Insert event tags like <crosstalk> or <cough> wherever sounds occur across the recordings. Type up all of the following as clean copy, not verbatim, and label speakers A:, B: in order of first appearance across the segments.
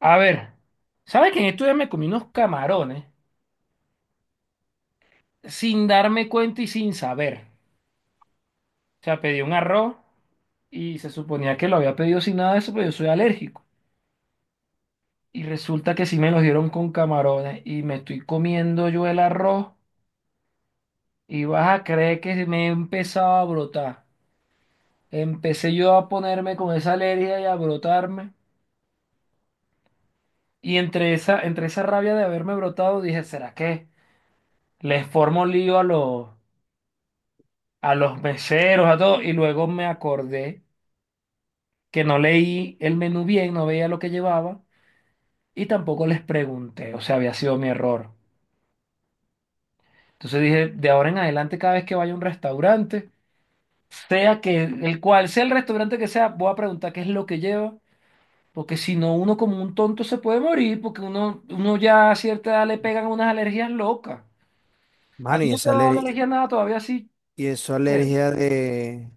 A: A ver, ¿sabes que en estos días me comí unos camarones sin darme cuenta y sin saber? O sea, pedí un arroz y se suponía que lo había pedido sin nada de eso, pero yo soy alérgico. Y resulta que sí me los dieron con camarones y me estoy comiendo yo el arroz y vas a creer que me he empezado a brotar. Empecé yo a ponerme con esa alergia y a brotarme. Y entre esa rabia de haberme brotado dije, ¿será que les formo lío a los meseros, a todo, y luego me acordé que no leí el menú bien, no veía lo que llevaba y tampoco les pregunté, o sea, había sido mi error. Entonces dije, de ahora en adelante, cada vez que vaya a un restaurante, sea que el cual sea el restaurante que sea, voy a preguntar qué es lo que lleva, porque si no, uno como un tonto se puede morir, porque uno ya a cierta edad le pegan unas alergias locas. A
B: Mano,
A: ti
B: y
A: no te
B: esa,
A: ha dado alergia a nada todavía sí,
B: y esa
A: bueno,
B: alergia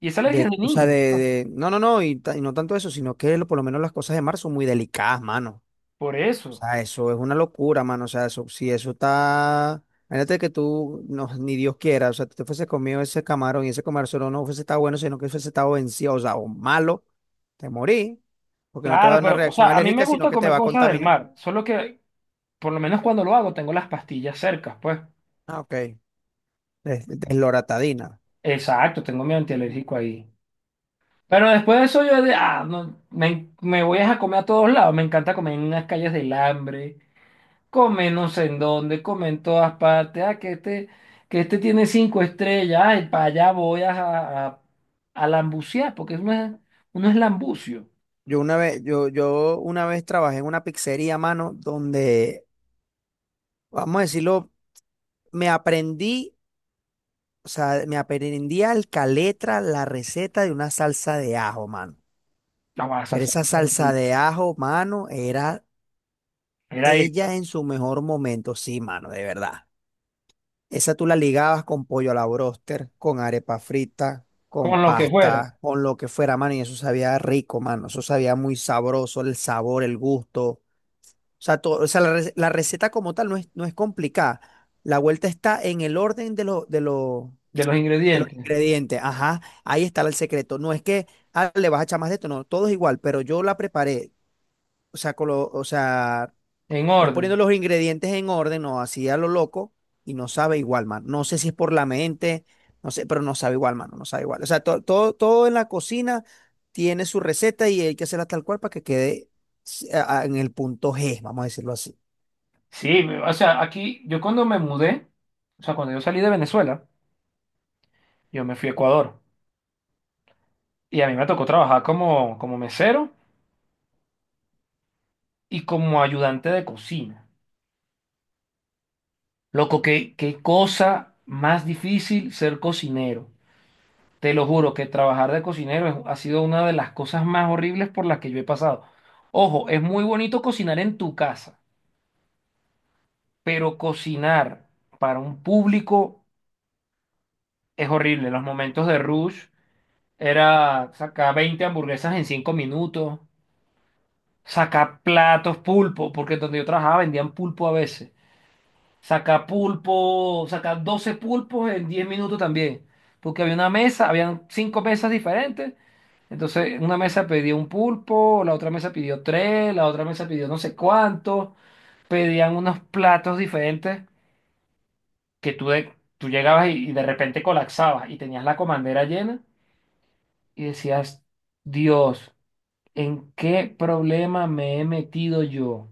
A: y esa alergia es de
B: o sea,
A: niño, pues,
B: no, no, no, y no tanto eso, sino que por lo menos las cosas de mar son muy delicadas, mano.
A: por
B: O
A: eso.
B: sea, eso es una locura, mano. O sea, eso, si eso está, imagínate que tú, no, ni Dios quiera, o sea, tú te fuese comido ese camarón y ese camarón solo no fuese estado bueno, sino que fuese estado vencido, o sea, o malo, te morí, porque no te va a
A: Claro,
B: dar una
A: pero, o
B: reacción
A: sea, a mí
B: alérgica,
A: me
B: sino
A: gusta
B: que te
A: comer
B: va a
A: cosas del
B: contaminar.
A: mar, solo que por lo menos cuando lo hago tengo las pastillas cerca, pues.
B: Ah, ok. Es Desloratadina.
A: Exacto, tengo mi antialérgico ahí. Pero después de eso yo de, ah, no, me voy a comer a todos lados, me encanta comer en las calles del hambre, comer no sé en dónde, comer en todas partes, ah, que este tiene cinco estrellas, ay, para allá voy a lambucear, porque uno es lambucio.
B: Yo una vez trabajé en una pizzería, mano, donde, vamos a decirlo, me aprendí, o sea, me aprendí al caletra la receta de una salsa de ajo, mano.
A: La
B: Pero
A: salsa,
B: esa salsa de ajo, mano, era
A: era esa,
B: ella en su mejor momento, sí, mano, de verdad. Esa tú la ligabas con pollo a la bróster, con arepa frita, con
A: con lo que fuera,
B: pasta, con lo que fuera, mano, y eso sabía rico, mano. Eso sabía muy sabroso, el sabor, el gusto. O sea, o sea, la receta como tal no es, no es complicada. La vuelta está en el orden
A: de los
B: de los
A: ingredientes.
B: ingredientes. Ajá, ahí está el secreto. No es que ah, le vas a echar más de esto, no, todo es igual, pero yo la preparé. O sea, o sea,
A: En
B: no poniendo
A: orden.
B: los ingredientes en orden, no, así a lo loco y no sabe igual, mano. No sé si es por la mente, no sé, pero no sabe igual, mano, no sabe igual. O sea, todo, todo en la cocina tiene su receta y hay que hacerla tal cual para que quede en el punto G, vamos a decirlo así.
A: Sí, o sea, aquí yo cuando me mudé, o sea, cuando yo salí de Venezuela, yo me fui a Ecuador y a mí me tocó trabajar como, como mesero y como ayudante de cocina. Loco, qué cosa más difícil ser cocinero. Te lo juro que trabajar de cocinero ha sido una de las cosas más horribles por las que yo he pasado. Ojo, es muy bonito cocinar en tu casa, pero cocinar para un público es horrible. Los momentos de rush. Era sacar 20 hamburguesas en 5 minutos, sacar platos, pulpo, porque donde yo trabajaba vendían pulpo a veces. Sacar pulpo, sacar 12 pulpos en 10 minutos también, porque había una mesa, habían 5 mesas diferentes. Entonces, una mesa pedía un pulpo, la otra mesa pidió tres, la otra mesa pidió no sé cuánto, pedían unos platos diferentes que tú, tú llegabas y de repente colapsabas y tenías la comandera llena y decías, Dios. ¿En qué problema me he metido yo?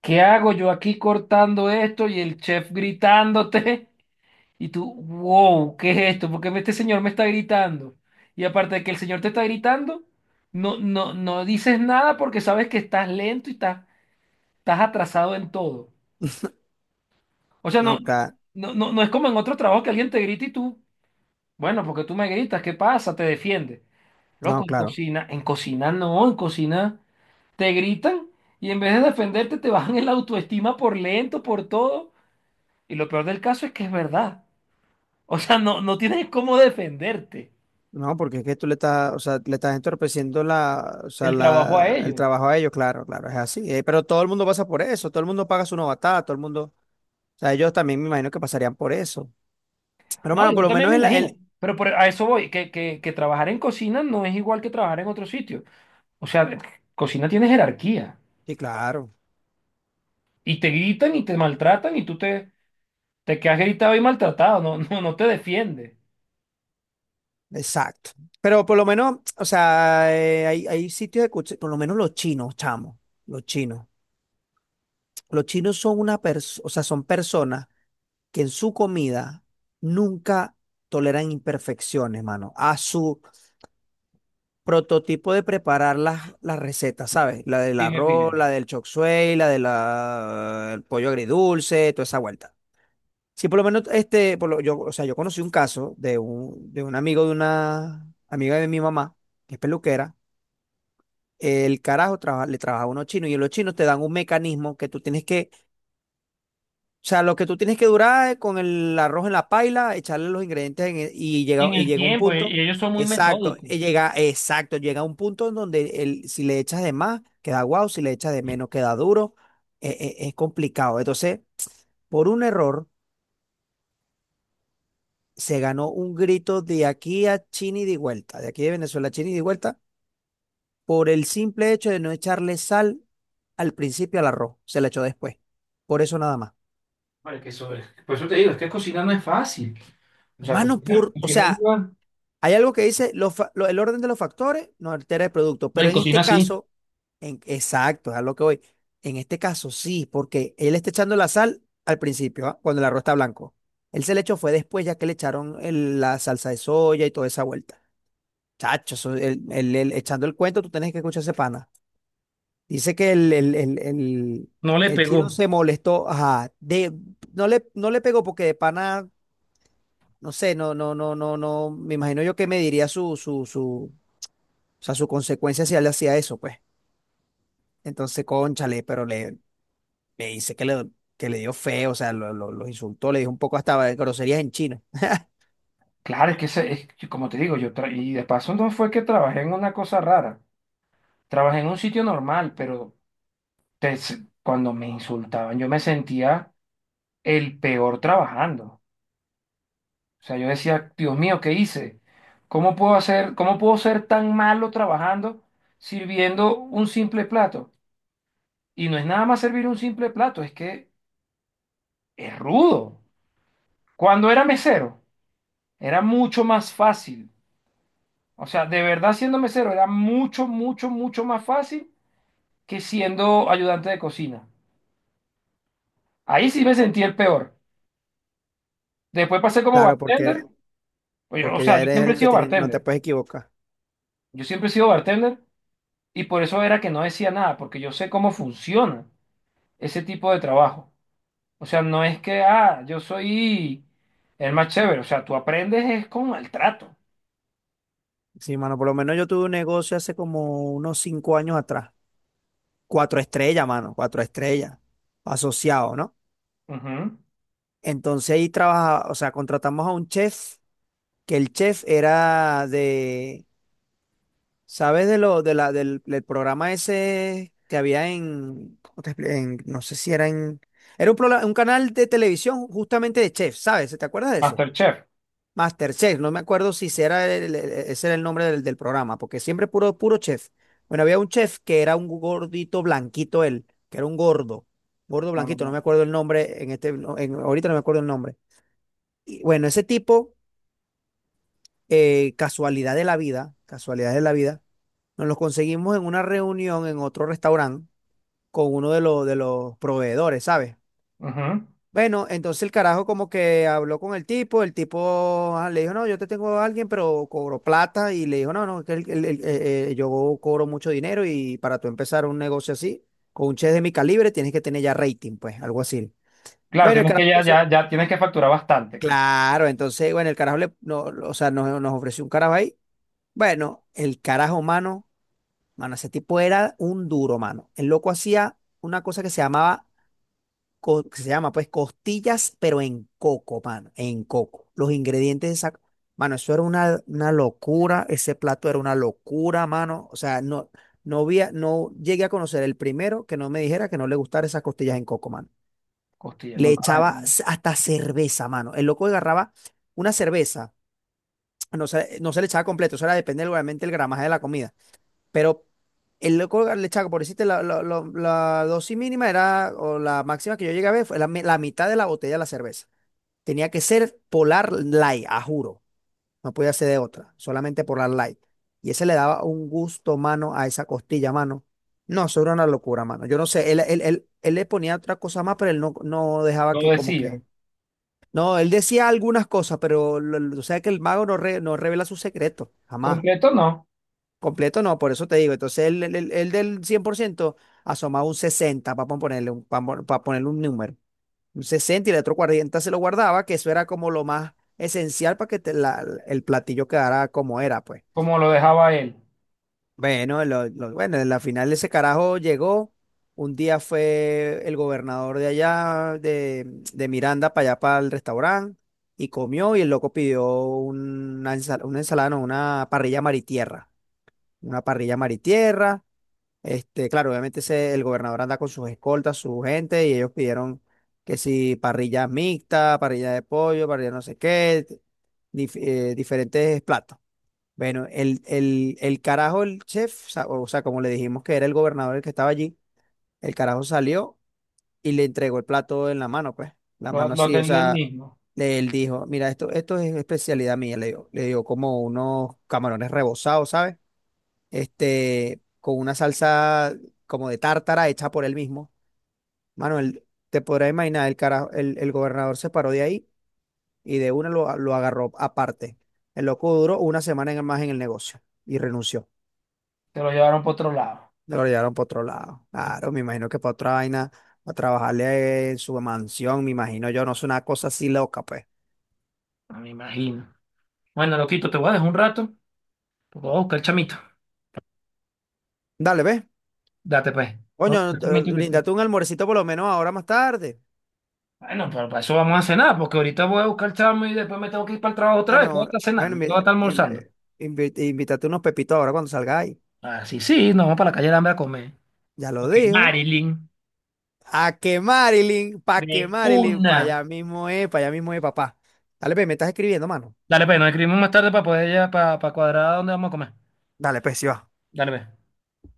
A: ¿Qué hago yo aquí cortando esto y el chef gritándote? <laughs> Y tú, wow, ¿qué es esto? ¿Por qué este señor me está gritando? Y aparte de que el señor te está gritando, no, no, dices nada porque sabes que estás lento y estás, estás atrasado en todo. O sea,
B: No,
A: no,
B: ca-
A: no, no, no es como en otro trabajo que alguien te grita y tú, bueno, porque tú me gritas, ¿qué pasa? Te defiendes. Loco,
B: no, claro.
A: en cocina no, en cocina. Te gritan y en vez de defenderte te bajan el autoestima por lento, por todo. Y lo peor del caso es que es verdad. O sea, no, tienes cómo defenderte
B: No, porque es que tú le estás, o sea, le estás entorpeciendo la, o sea,
A: el trabajo a
B: la, el
A: ellos.
B: trabajo a ellos, claro, claro, es así. Pero todo el mundo pasa por eso, todo el mundo paga su novatada, todo el mundo, o sea, ellos también me imagino que pasarían por eso. Pero
A: No,
B: hermano,
A: yo
B: por lo
A: también
B: menos
A: me imagino. A eso voy, que trabajar en cocina no es igual que trabajar en otro sitio. O sea, cocina tiene jerarquía.
B: sí, claro,
A: Y te gritan y te maltratan y tú te quedas gritado y maltratado. No, no, no te defiendes.
B: exacto. Pero por lo menos, o sea, hay sitios de por lo menos los chinos, chamo, los chinos. Los chinos son una persona, o sea, son personas que en su comida nunca toleran imperfecciones, mano. A su prototipo de preparar las recetas, ¿sabes? La del
A: Sí, me
B: arroz,
A: fijé.
B: la del chop suey, la del pollo agridulce, toda esa vuelta. Sí, por lo menos, este, yo, o sea, yo conocí un caso de un, amigo de una amiga de mi mamá, que es peluquera. El carajo le trabaja a unos chinos y los chinos te dan un mecanismo que tú tienes que o sea, lo que tú tienes que durar es con el arroz en la paila, echarle los ingredientes y llega,
A: En
B: y
A: el
B: llega un
A: tiempo, y
B: punto.
A: y ellos son muy
B: Exacto,
A: metódicos.
B: y llega, exacto, llega un punto en donde el, si le echas de más, queda guau, si le echas de menos, queda duro. Es complicado. Entonces, por un error, se ganó un grito de aquí a Chini de vuelta, de aquí de Venezuela a Chini de vuelta, por el simple hecho de no echarle sal al principio al arroz, se le echó después. Por eso nada más.
A: Vale, que por eso te digo, es que cocinar no es fácil. O sea,
B: Mano, por, o
A: cocina es
B: sea, hay algo que dice el orden de los factores no altera el producto,
A: no,
B: pero
A: en
B: en este
A: cocina sí,
B: caso, en, exacto, es a lo que voy. En este caso sí, porque él está echando la sal al principio, ¿ah? Cuando el arroz está blanco. Él se le echó fue después, ya que le echaron la salsa de soya y toda esa vuelta. Chacho, eso, echando el cuento, tú tenés que escuchar ese pana. Dice que
A: no le
B: el chino
A: pegó.
B: se molestó, ajá, de, no le pegó porque de pana, no sé, no, no, no, no, no, me imagino yo que me diría su o sea, su consecuencia si él hacía eso, pues. Entonces, cónchale, le dice que le dio feo, o sea, los insultó, le dijo un poco hasta groserías en chino. <laughs>
A: Claro, es que es que, como te digo, yo y de paso no fue que trabajé en una cosa rara, trabajé en un sitio normal, pero cuando me insultaban yo me sentía el peor trabajando. O sea, yo decía, Dios mío, ¿qué hice? ¿Cómo puedo hacer, cómo puedo ser tan malo trabajando sirviendo un simple plato? Y no es nada más servir un simple plato, es que es rudo. Cuando era mesero, era mucho más fácil. O sea, de verdad siendo mesero era mucho, mucho, mucho más fácil que siendo ayudante de cocina. Ahí sí me sentí el peor. Después pasé como
B: Claro,
A: bartender. Pues o
B: porque
A: sea,
B: ya
A: yo
B: eres
A: siempre he
B: el que
A: sido
B: tiene, no te
A: bartender.
B: puedes equivocar.
A: Yo siempre he sido bartender y por eso era que no decía nada, porque yo sé cómo funciona ese tipo de trabajo. O sea, no es que, ah, yo soy el más chévere. O sea, tú aprendes es con maltrato.
B: Sí, mano, por lo menos yo tuve un negocio hace como unos 5 años atrás. Cuatro estrellas, mano, cuatro estrellas. Asociado, ¿no?
A: Ujú.
B: Entonces ahí trabajaba, o sea, contratamos a un chef, que el chef era de ¿sabes de lo, de la, del, del programa ese que había en, ¿cómo te no sé si era en, era un, un canal de televisión justamente de chef, ¿sabes? ¿Te acuerdas de eso?
A: Masterchef.
B: MasterChef, no me acuerdo si ese era el, ese era el nombre del programa, porque siempre puro, puro chef. Bueno, había un chef que era un gordito blanquito él, que era un gordo, gordo
A: No, no,
B: blanquito, no me
A: no.
B: acuerdo el nombre, en este, no, en, ahorita no me acuerdo el nombre. Y bueno, ese tipo, casualidad de la vida, casualidad de la vida nos los conseguimos en una reunión en otro restaurante con uno de los, proveedores, ¿sabes?
A: Ujú.
B: Bueno, entonces el carajo como que habló con el tipo ah, le dijo, no, yo te tengo a alguien, pero cobro plata y le dijo, no, no, que yo cobro mucho dinero y para tú empezar un negocio así, con un chef de mi calibre, tienes que tener ya rating, pues, algo así.
A: Claro,
B: Bueno,
A: tienes que ya, ya, ya tienes que facturar bastante, ¿no?
B: claro, entonces, bueno, el carajo le, no, o sea, nos ofreció un carajo ahí. Bueno, el carajo humano, mano, ese tipo era un duro, mano. El loco hacía una cosa que se llamaba, que se llama pues costillas, pero en coco, mano, en coco. Los ingredientes de esa, mano, eso era una locura, ese plato era una locura, mano. O sea, no, no había, no llegué a conocer el primero que no me dijera que no le gustara esas costillas en coco, mano.
A: Costilla,
B: Le
A: nunca vas a
B: echaba hasta cerveza, mano. El loco agarraba una cerveza, no se le echaba completo, eso era depende obviamente el gramaje de la comida, pero el loco le echaba, por decirte, la dosis mínima era, o la máxima que yo llegué a ver, fue la, la mitad de la botella de la cerveza. Tenía que ser Polar Light, a juro. No podía ser de otra, solamente Polar Light. Y ese le daba un gusto, mano, a esa costilla, mano. No, eso era una locura, mano. Yo no sé, él le ponía otra cosa más, pero él no, no dejaba
A: lo
B: que como
A: decía.
B: que... No, él decía algunas cosas, pero o sea que el mago no, no revela su secreto, jamás.
A: Completo no,
B: Completo no, por eso te digo. Entonces, el del 100% asomaba un 60 para ponerle un, para ponerle un número. Un 60 y el otro 40 se lo guardaba, que eso era como lo más esencial para que el platillo quedara como era, pues.
A: como lo dejaba él.
B: Bueno, bueno, en la final ese carajo llegó. Un día fue el gobernador de allá, de, Miranda, para allá, para el restaurante, y comió y el loco pidió una, una ensalada, no, una parrilla mar y tierra. Una parrilla mar y tierra, este, claro, obviamente el gobernador anda con sus escoltas, su gente, y ellos pidieron que si parrillas mixtas, parrilla de pollo, parrilla no sé qué, diferentes platos. Bueno, el chef, o sea, como le dijimos que era el gobernador el que estaba allí, el carajo salió y le entregó el plato en la mano, pues, la
A: Lo,
B: mano
A: lo
B: así, o
A: atendió él
B: sea,
A: mismo.
B: él dijo, mira, esto es especialidad mía, le dio como unos camarones rebozados, ¿sabes? Este, con una salsa como de tártara hecha por él mismo. Manuel, te podrás imaginar, el gobernador se paró de ahí y de una lo agarró aparte. El loco duró una semana más en el negocio y renunció.
A: Se lo llevaron por otro lado.
B: Lo llevaron para otro lado. Claro, me imagino que para otra vaina, a trabajarle en su mansión, me imagino yo, no es una cosa así loca, pues.
A: Ah, me imagino. Bueno, loquito, te voy a dejar un rato, porque voy a buscar el chamito.
B: Dale, ve.
A: Date pues. Voy a
B: Coño,
A: buscar el chamito
B: bríndate un almuercito por lo menos ahora más tarde.
A: bueno, pero para eso vamos a cenar, porque ahorita voy a buscar el chamo y después me tengo que ir para el trabajo otra vez. Voy a
B: Bueno,
A: estar
B: bueno,
A: cenando, voy
B: invi-
A: a estar almorzando.
B: invi- invítate unos pepitos ahora cuando salgáis.
A: Ah, sí, sí, nos vamos para la calle de hambre a comer.
B: Ya lo
A: Ok,
B: dijo
A: Marilyn,
B: a que
A: de
B: Marilyn, pa'
A: una.
B: allá mismo es, pa' allá mismo es, papá. Dale, pues, me estás escribiendo, mano.
A: Dale, pues, nos escribimos más tarde para poder ya, para cuadrar dónde vamos a comer.
B: Dale, pues, sí va.
A: Dale, pues.